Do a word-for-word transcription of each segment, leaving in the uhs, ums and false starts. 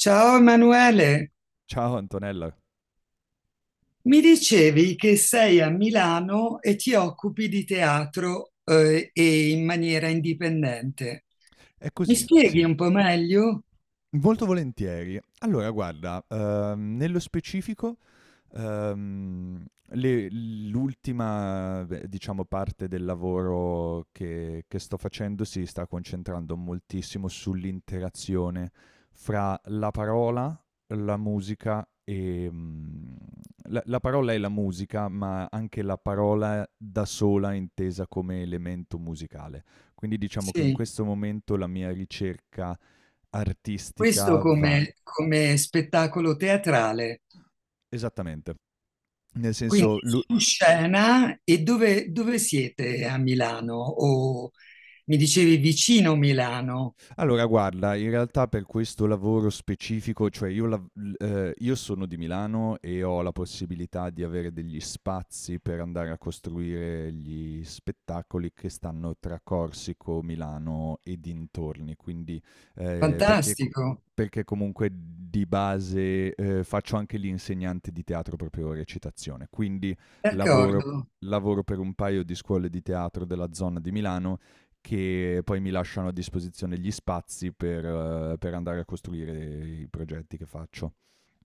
Ciao Emanuele, Ciao Antonella. mi dicevi che sei a Milano e ti occupi di teatro, eh, e in maniera indipendente. È Mi così, sì. spieghi un po' meglio? Molto volentieri. Allora guarda, ehm, nello specifico. Ehm, le- L'ultima, beh, diciamo, parte del lavoro che, che sto facendo si sta concentrando moltissimo sull'interazione fra la parola, la musica e... mm, la, la parola e la musica, ma anche la parola da sola intesa come elemento musicale. Quindi diciamo che in Sì, questo momento la mia ricerca questo artistica va... come, come spettacolo teatrale, Esattamente. Nel quindi senso, l'u- su scena e dove, dove siete a Milano? O mi dicevi vicino Milano, Allora guarda, in realtà per questo lavoro specifico, cioè io lav l ehm, io sono di Milano e ho la possibilità di avere degli spazi per andare a costruire gli spettacoli che stanno tra Corsico, Milano e dintorni, quindi ehm, perché co fantastico, perché comunque di base, ehm, faccio anche l'insegnante di teatro proprio recitazione, quindi lavoro d'accordo. lavoro per un paio di scuole di teatro della zona di Milano che poi mi lasciano a disposizione gli spazi per, eh, per andare a costruire i progetti che faccio.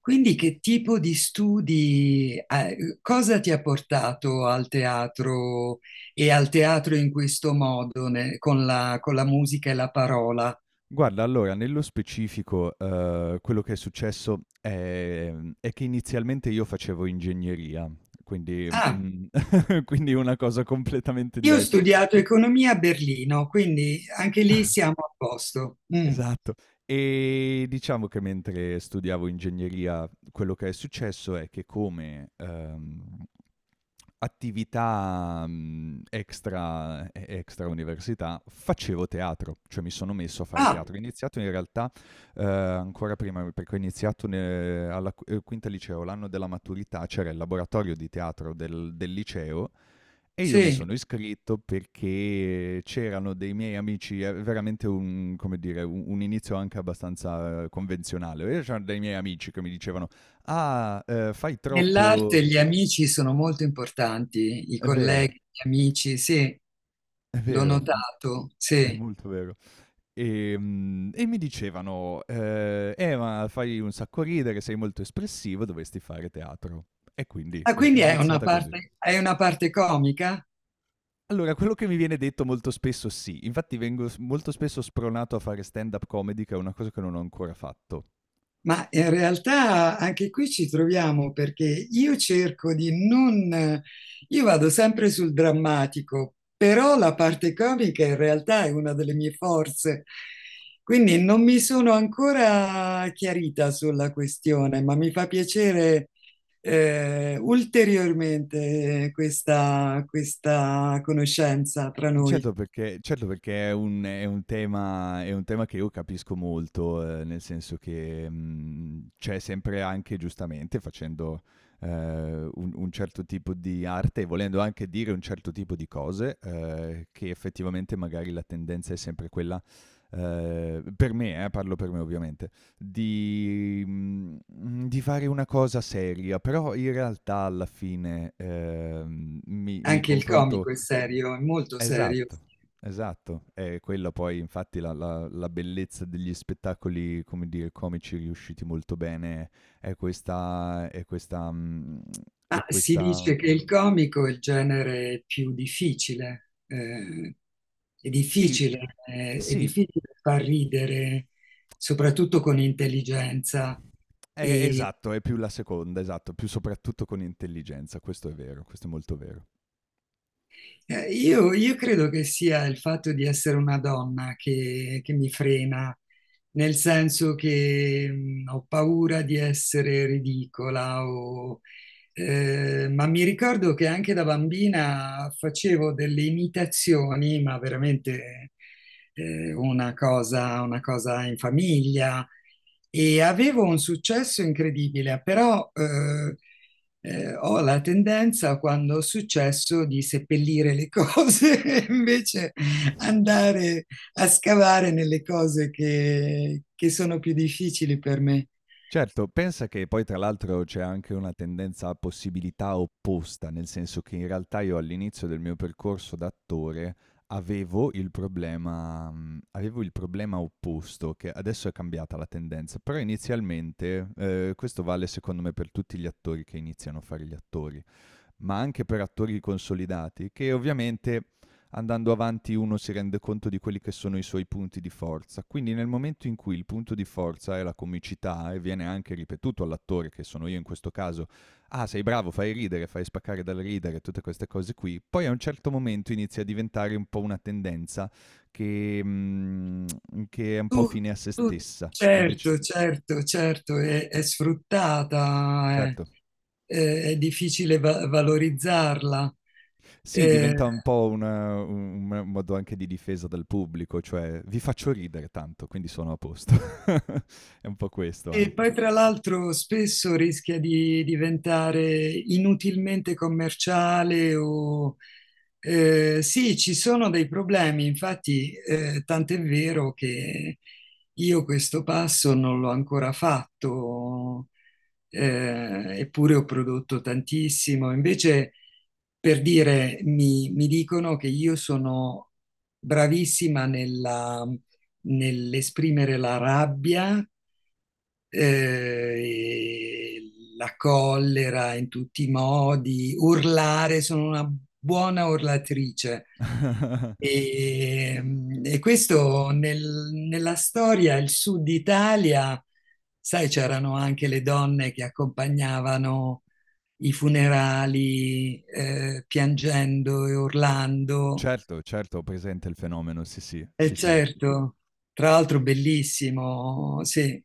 Quindi che tipo di studi, eh, cosa ti ha portato al teatro e al teatro in questo modo, ne- con la, con la musica e la parola? Guarda, allora, nello specifico, eh, quello che è successo è, è che inizialmente io facevo ingegneria, quindi, Ah, mm, quindi una cosa completamente io ho diversa. studiato economia a Berlino, quindi anche lì siamo a posto. Mm. Esatto. Ehm, diciamo che mentre studiavo ingegneria, quello che è successo è che come, ehm, attività, mhmm, extra e extra università, facevo teatro, cioè mi sono messo a fare Ah, teatro. Ho iniziato in realtà, ehm, ancora prima perché ho iniziato ne alla q ehm, quinta liceo, l'anno della maturità c'era il laboratorio di teatro del del liceo e io mi sì, sono iscritto perché c'erano dei miei amici, è veramente un, come dire, un, un inizio anche abbastanza eh, convenzionale. E c'erano dei miei amici che mi dicevano: "Ah, eh, fai troppo." nell'arte gli amici sono molto importanti, i È vero, colleghi, gli amici, sì, è l'ho vero, notato, è sì. molto vero. Ehm, E, mi dicevano: eh, eh, ma fai un sacco ridere, sei molto espressivo, dovresti fare teatro." E quindi Ah, è è quindi è una iniziata così. parte, è una parte comica? Allora, quello che mi viene detto molto spesso sì, infatti vengo s molto spesso spronato a fare stand-up comedy, che è una cosa che non ho ancora fatto. Ma in realtà anche qui ci troviamo perché io cerco di non... Io vado sempre sul drammatico, però la parte comica in realtà è una delle mie forze. Quindi non mi sono ancora chiarita sulla questione, ma mi fa piacere eh, ulteriormente questa, questa conoscenza tra noi. Certo perché certo perché è un è un tema è un tema che io capisco molto, ehm, nel senso che, mhmm, c'è sempre anche giustamente facendo, ehm, un un certo tipo di arte e volendo anche dire un certo tipo di cose, ehm, che effettivamente magari la tendenza è sempre quella, ehm, per me eh, parlo per me ovviamente, di mhmm, di fare una cosa seria, però in realtà alla fine, ehm, mi mi Anche il confronto. comico è serio, è molto serio. Esatto, esatto. È quella poi, infatti, la, la- la bellezza degli spettacoli, come dire, comici riusciti molto bene, è questa, è questa, mm, è Ma si questa... dice che il comico è il genere più difficile, eh, è Sì, difficile, eh, è sì, difficile far ridere, soprattutto con intelligenza. è- E, esatto, è più la seconda, esatto, più soprattutto con intelligenza, questo è vero, questo è molto eh, io, io credo che sia il fatto di essere una donna che, che mi frena, nel senso che mm, ho paura di essere ridicola o. Eh, ma mi ricordo che anche da bambina facevo delle imitazioni, ma veramente eh, una cosa, una cosa in famiglia e avevo un successo incredibile, però eh, eh, ho la tendenza quando ho successo di seppellire le cose e invece vero. andare a scavare nelle cose che che sono più difficili per me. Certo, pensa che poi tra l'altro c'è anche una tendenza a possibilità opposta, nel senso che in realtà io all'inizio del mio percorso d'attore avevo il problema mhmm, avevo il problema opposto, che adesso è cambiata la tendenza, però inizialmente, ehm, questo vale secondo me per tutti gli attori che iniziano a fare gli attori, ma anche per attori consolidati, che ovviamente andando avanti uno si rende conto di quelli che sono i suoi punti di forza. Quindi nel momento in cui il punto di forza è la comicità e viene anche ripetuto all'attore, che sono io in questo caso, "ah sei bravo, fai ridere, fai spaccare dal ridere", tutte queste cose qui, poi a un certo momento inizia a diventare un po' una tendenza che, mm, che è un po' Tu, fine a se tu- stessa. E invece, certo, certo, certo, sì, è, è sfruttata, è, certo. è- è difficile va- valorizzarla. Sì, Eh, diventa un po' una- un un modo anche di difesa del pubblico, cioè: "Vi faccio ridere tanto, quindi sono a posto." È un po' questo E anche. poi tra l'altro spesso rischia di diventare inutilmente commerciale o eh, sì, ci sono dei problemi, infatti eh, tant'è vero che io questo passo non l'ho ancora fatto, eh, eppure ho prodotto tantissimo. Invece, per dire, mi, mi dicono che io sono bravissima nella- nell'esprimere la rabbia eh, la collera in tutti i modi, urlare, sono una buona urlatrice. E, e questo nel- nella storia, il sud Italia, sai, c'erano anche le donne che accompagnavano i funerali eh, piangendo e urlando. Certo, certo, ho presente il fenomeno, sì, sì, sì, E sì, certo, tra l'altro bellissimo, sì,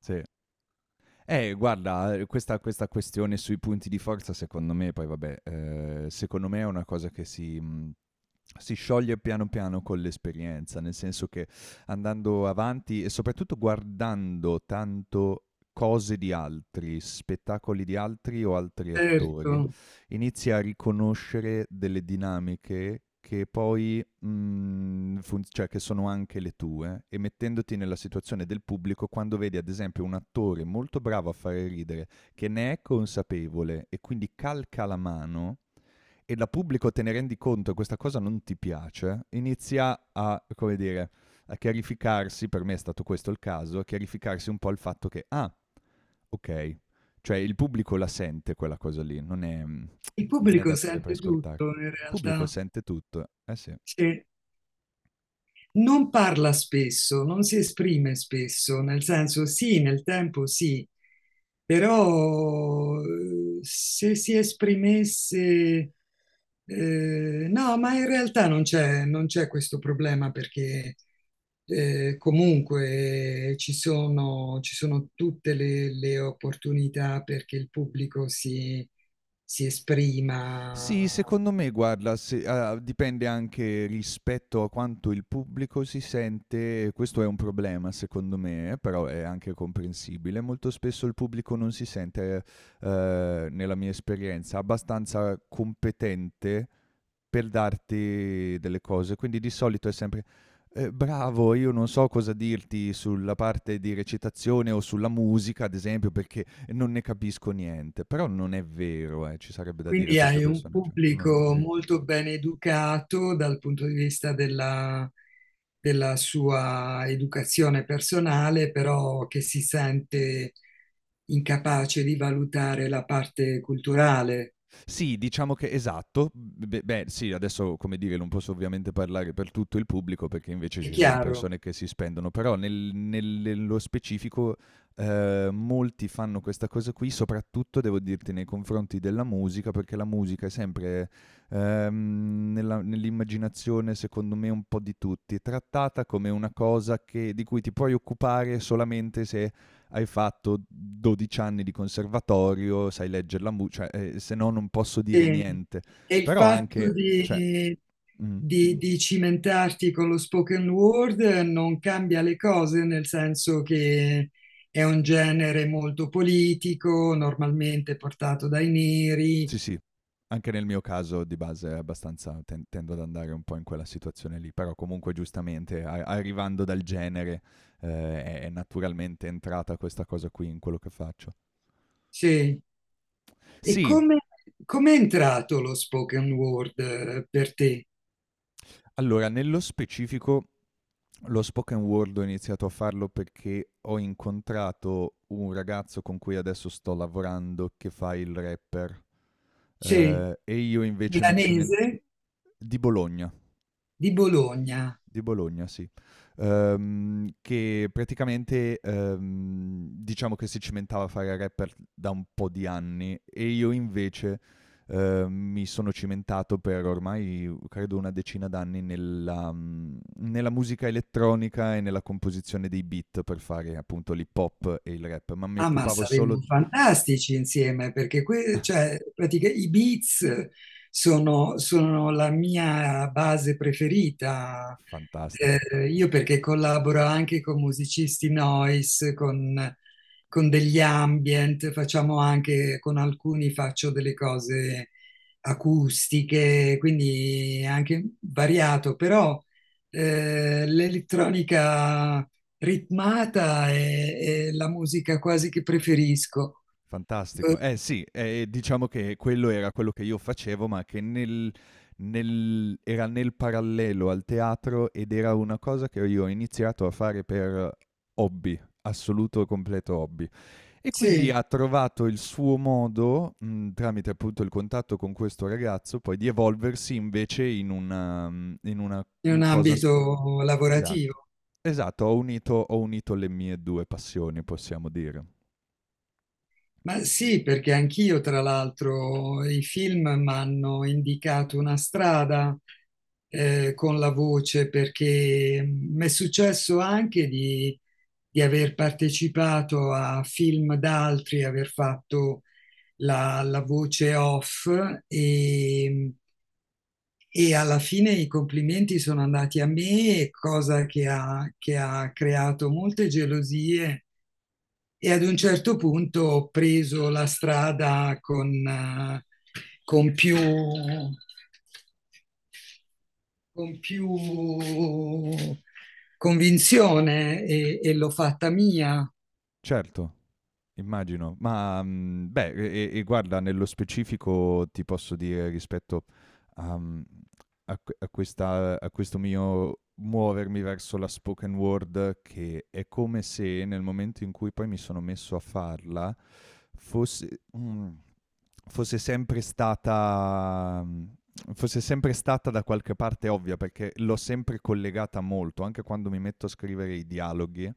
sì. Eh, guarda, eh, questa, questa questione sui punti di forza, secondo me, poi vabbè, eh, secondo me è una cosa che si, mh, si scioglie piano piano con l'esperienza, nel senso che andando avanti e soprattutto guardando tanto cose di altri, spettacoli di altri o altri attori, certo. inizi a riconoscere delle dinamiche che poi, mhmm, fun cioè che sono anche le tue e mettendoti nella situazione del pubblico quando vedi ad esempio un attore molto bravo a fare ridere, che ne è consapevole e quindi calca la mano e da pubblico te ne rendi conto e questa cosa non ti piace, inizia a, come dire, a chiarificarsi, per me è stato questo il caso, a chiarificarsi un po' il fatto che: "Ah, okay". Cioè il pubblico la sente quella cosa lì, non è mhmm Il non è pubblico da dare per sente scontato. tutto in Il pubblico realtà. sente tutto, eh sì. Sì. Non parla spesso, non si esprime spesso, nel senso sì, nel tempo sì, però eh, se si esprimesse... Eh, no, ma in realtà non c'è non c'è questo problema perché eh, comunque ci sono, ci sono tutte le, le opportunità perché il pubblico si, si Sì, esprima. secondo me, guarda, se- ah, dipende anche rispetto a quanto il pubblico si sente, questo è un problema secondo me, eh, però è anche comprensibile. Molto spesso il pubblico non si sente, eh, nella mia esperienza, abbastanza competente per darti delle cose, quindi di solito è sempre... "Eh, bravo, io non so cosa dirti sulla parte di recitazione o sulla musica, ad esempio, perché non ne capisco niente", però non è vero, eh, ci sarebbe da dire a Quindi queste hai un persone, cioè, no, non è pubblico vero. molto ben educato dal punto di vista della, della sua educazione personale, però che si sente incapace di valutare la parte culturale, Sì, diciamo che esatto. B Beh, sì, adesso, come dire, non posso ovviamente parlare per tutto il pubblico, perché invece è ci sono chiaro. persone che si spendono, però nel nel nello specifico, ehm, molti fanno questa cosa qui, soprattutto devo dirti nei confronti della musica, perché la musica è sempre, ehm, nella nell'immaginazione, secondo me, un po' di tutti, trattata come una cosa che di cui ti puoi occupare solamente se hai fatto dodici anni di conservatorio, sai leggere la musica, cioè, eh, se no non posso dire E, niente. e il Però fatto anche, cioè, di, mm, di, di cimentarti con lo spoken word non cambia le cose, nel senso che è un genere molto politico, normalmente portato dai neri. sì sì, anche nel mio caso di base è abbastanza, ten- tendo ad andare un po' in quella situazione lì, però comunque giustamente a- arrivando dal genere eh, è-, è naturalmente entrata questa cosa qui in quello che faccio. Sì. E Sì, come, come è entrato lo spoken word eh, per te? allora nello specifico lo spoken word ho iniziato a farlo perché ho incontrato un ragazzo con cui adesso sto lavorando che fa il rapper, Sì, ehm, e io invece mi cimen milanese di Bologna. di Bologna. Di Bologna, sì. Ehm, che praticamente ehm, diciamo che si cimentava a fare rapper da un po' di anni e io invece ehm, mi sono cimentato per ormai credo una decina d'anni nella, mm, nella musica elettronica e nella composizione dei beat per fare appunto l'hip hop e il rap, ma mi Ah, ma occupavo solo... saremmo fantastici insieme perché que- cioè, pratica- i Beats sono, sono la mia base preferita. Fantastico. Eh, io perché collaboro anche con musicisti noise, con, con degli ambient, facciamo anche con alcuni faccio delle cose acustiche, quindi è anche variato, però eh, l'elettronica ritmata è, è la musica quasi che preferisco. Eh, Fantastico. Eh sì, ehm, diciamo che quello era quello che io facevo, ma che nel nel era nel parallelo al teatro ed era una cosa che io ho iniziato a fare per hobby, assoluto e completo hobby. E quindi sì, ha trovato il suo modo, mhmm, tramite appunto il contatto con questo ragazzo, poi di evolversi invece in una mhmm, in una, in mhmm, un cosa s ambito esatto. lavorativo. Esatto, ho unito ho unito le mie due passioni, possiamo dire. Ma sì, perché anch'io, tra l'altro, i film mi hanno indicato una strada eh, con la voce, perché mi è successo anche di, di aver partecipato a film d'altri, aver fatto la, la voce off e, e alla fine i complimenti sono andati a me, cosa che ha, che ha creato molte gelosie e ad un certo punto ho preso la strada con, eh, con più, con più convinzione e, e l'ho fatta mia. Certo. Immagino, ma, mhmm, beh, e e e guarda, nello specifico ti posso dire rispetto a mhmm, a que a questa a questo mio muovermi verso la spoken word, che è come se nel momento in cui poi mi sono messo a farla, fosse mhmm, fosse sempre stata mhmm, fosse sempre stata da qualche parte ovvia, perché l'ho sempre collegata molto, anche quando mi metto a scrivere i dialoghi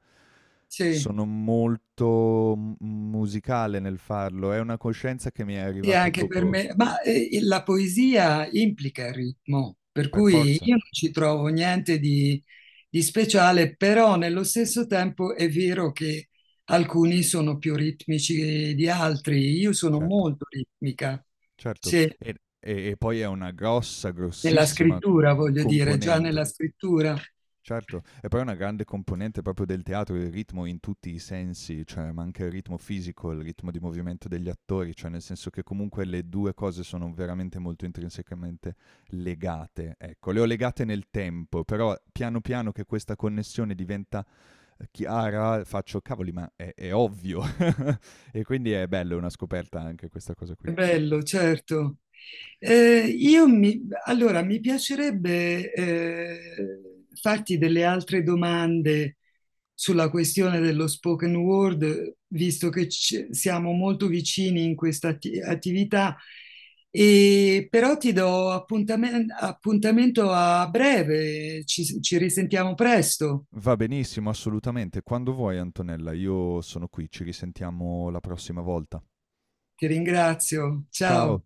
Sì. sono molto m musicale nel farlo, è una coscienza che mi è Sì, arrivata anche per dopo, me, ma eh, la poesia implica il ritmo, per per cui forza, io non ci trovo niente di, di speciale, però nello stesso tempo è vero che alcuni sono più ritmici di altri. Io sono certo, molto ritmica, certo. se E e e poi è una grossa, nella grossissima scrittura, voglio dire, già nella componente, scrittura. certo. E poi è una grande componente proprio del teatro, il ritmo in tutti i sensi, cioè, ma anche il ritmo fisico, il ritmo di movimento degli attori, cioè nel senso che comunque le due cose sono veramente molto intrinsecamente legate, ecco. Le ho legate nel tempo, però piano piano che questa connessione diventa chiara, faccio cavoli, ma è, è ovvio. E quindi è bello, è una scoperta anche questa cosa qui. È bello, certo. Eh, io mi, allora, mi piacerebbe eh, farti delle altre domande sulla questione dello spoken word, visto che ci- siamo molto vicini in questa atti- attività, e, però ti do appuntamen- appuntamento a breve, ci ci risentiamo presto. Va benissimo, assolutamente. Quando vuoi, Antonella, io sono qui. Ci risentiamo la prossima volta. Ti ringrazio, Ciao. ciao.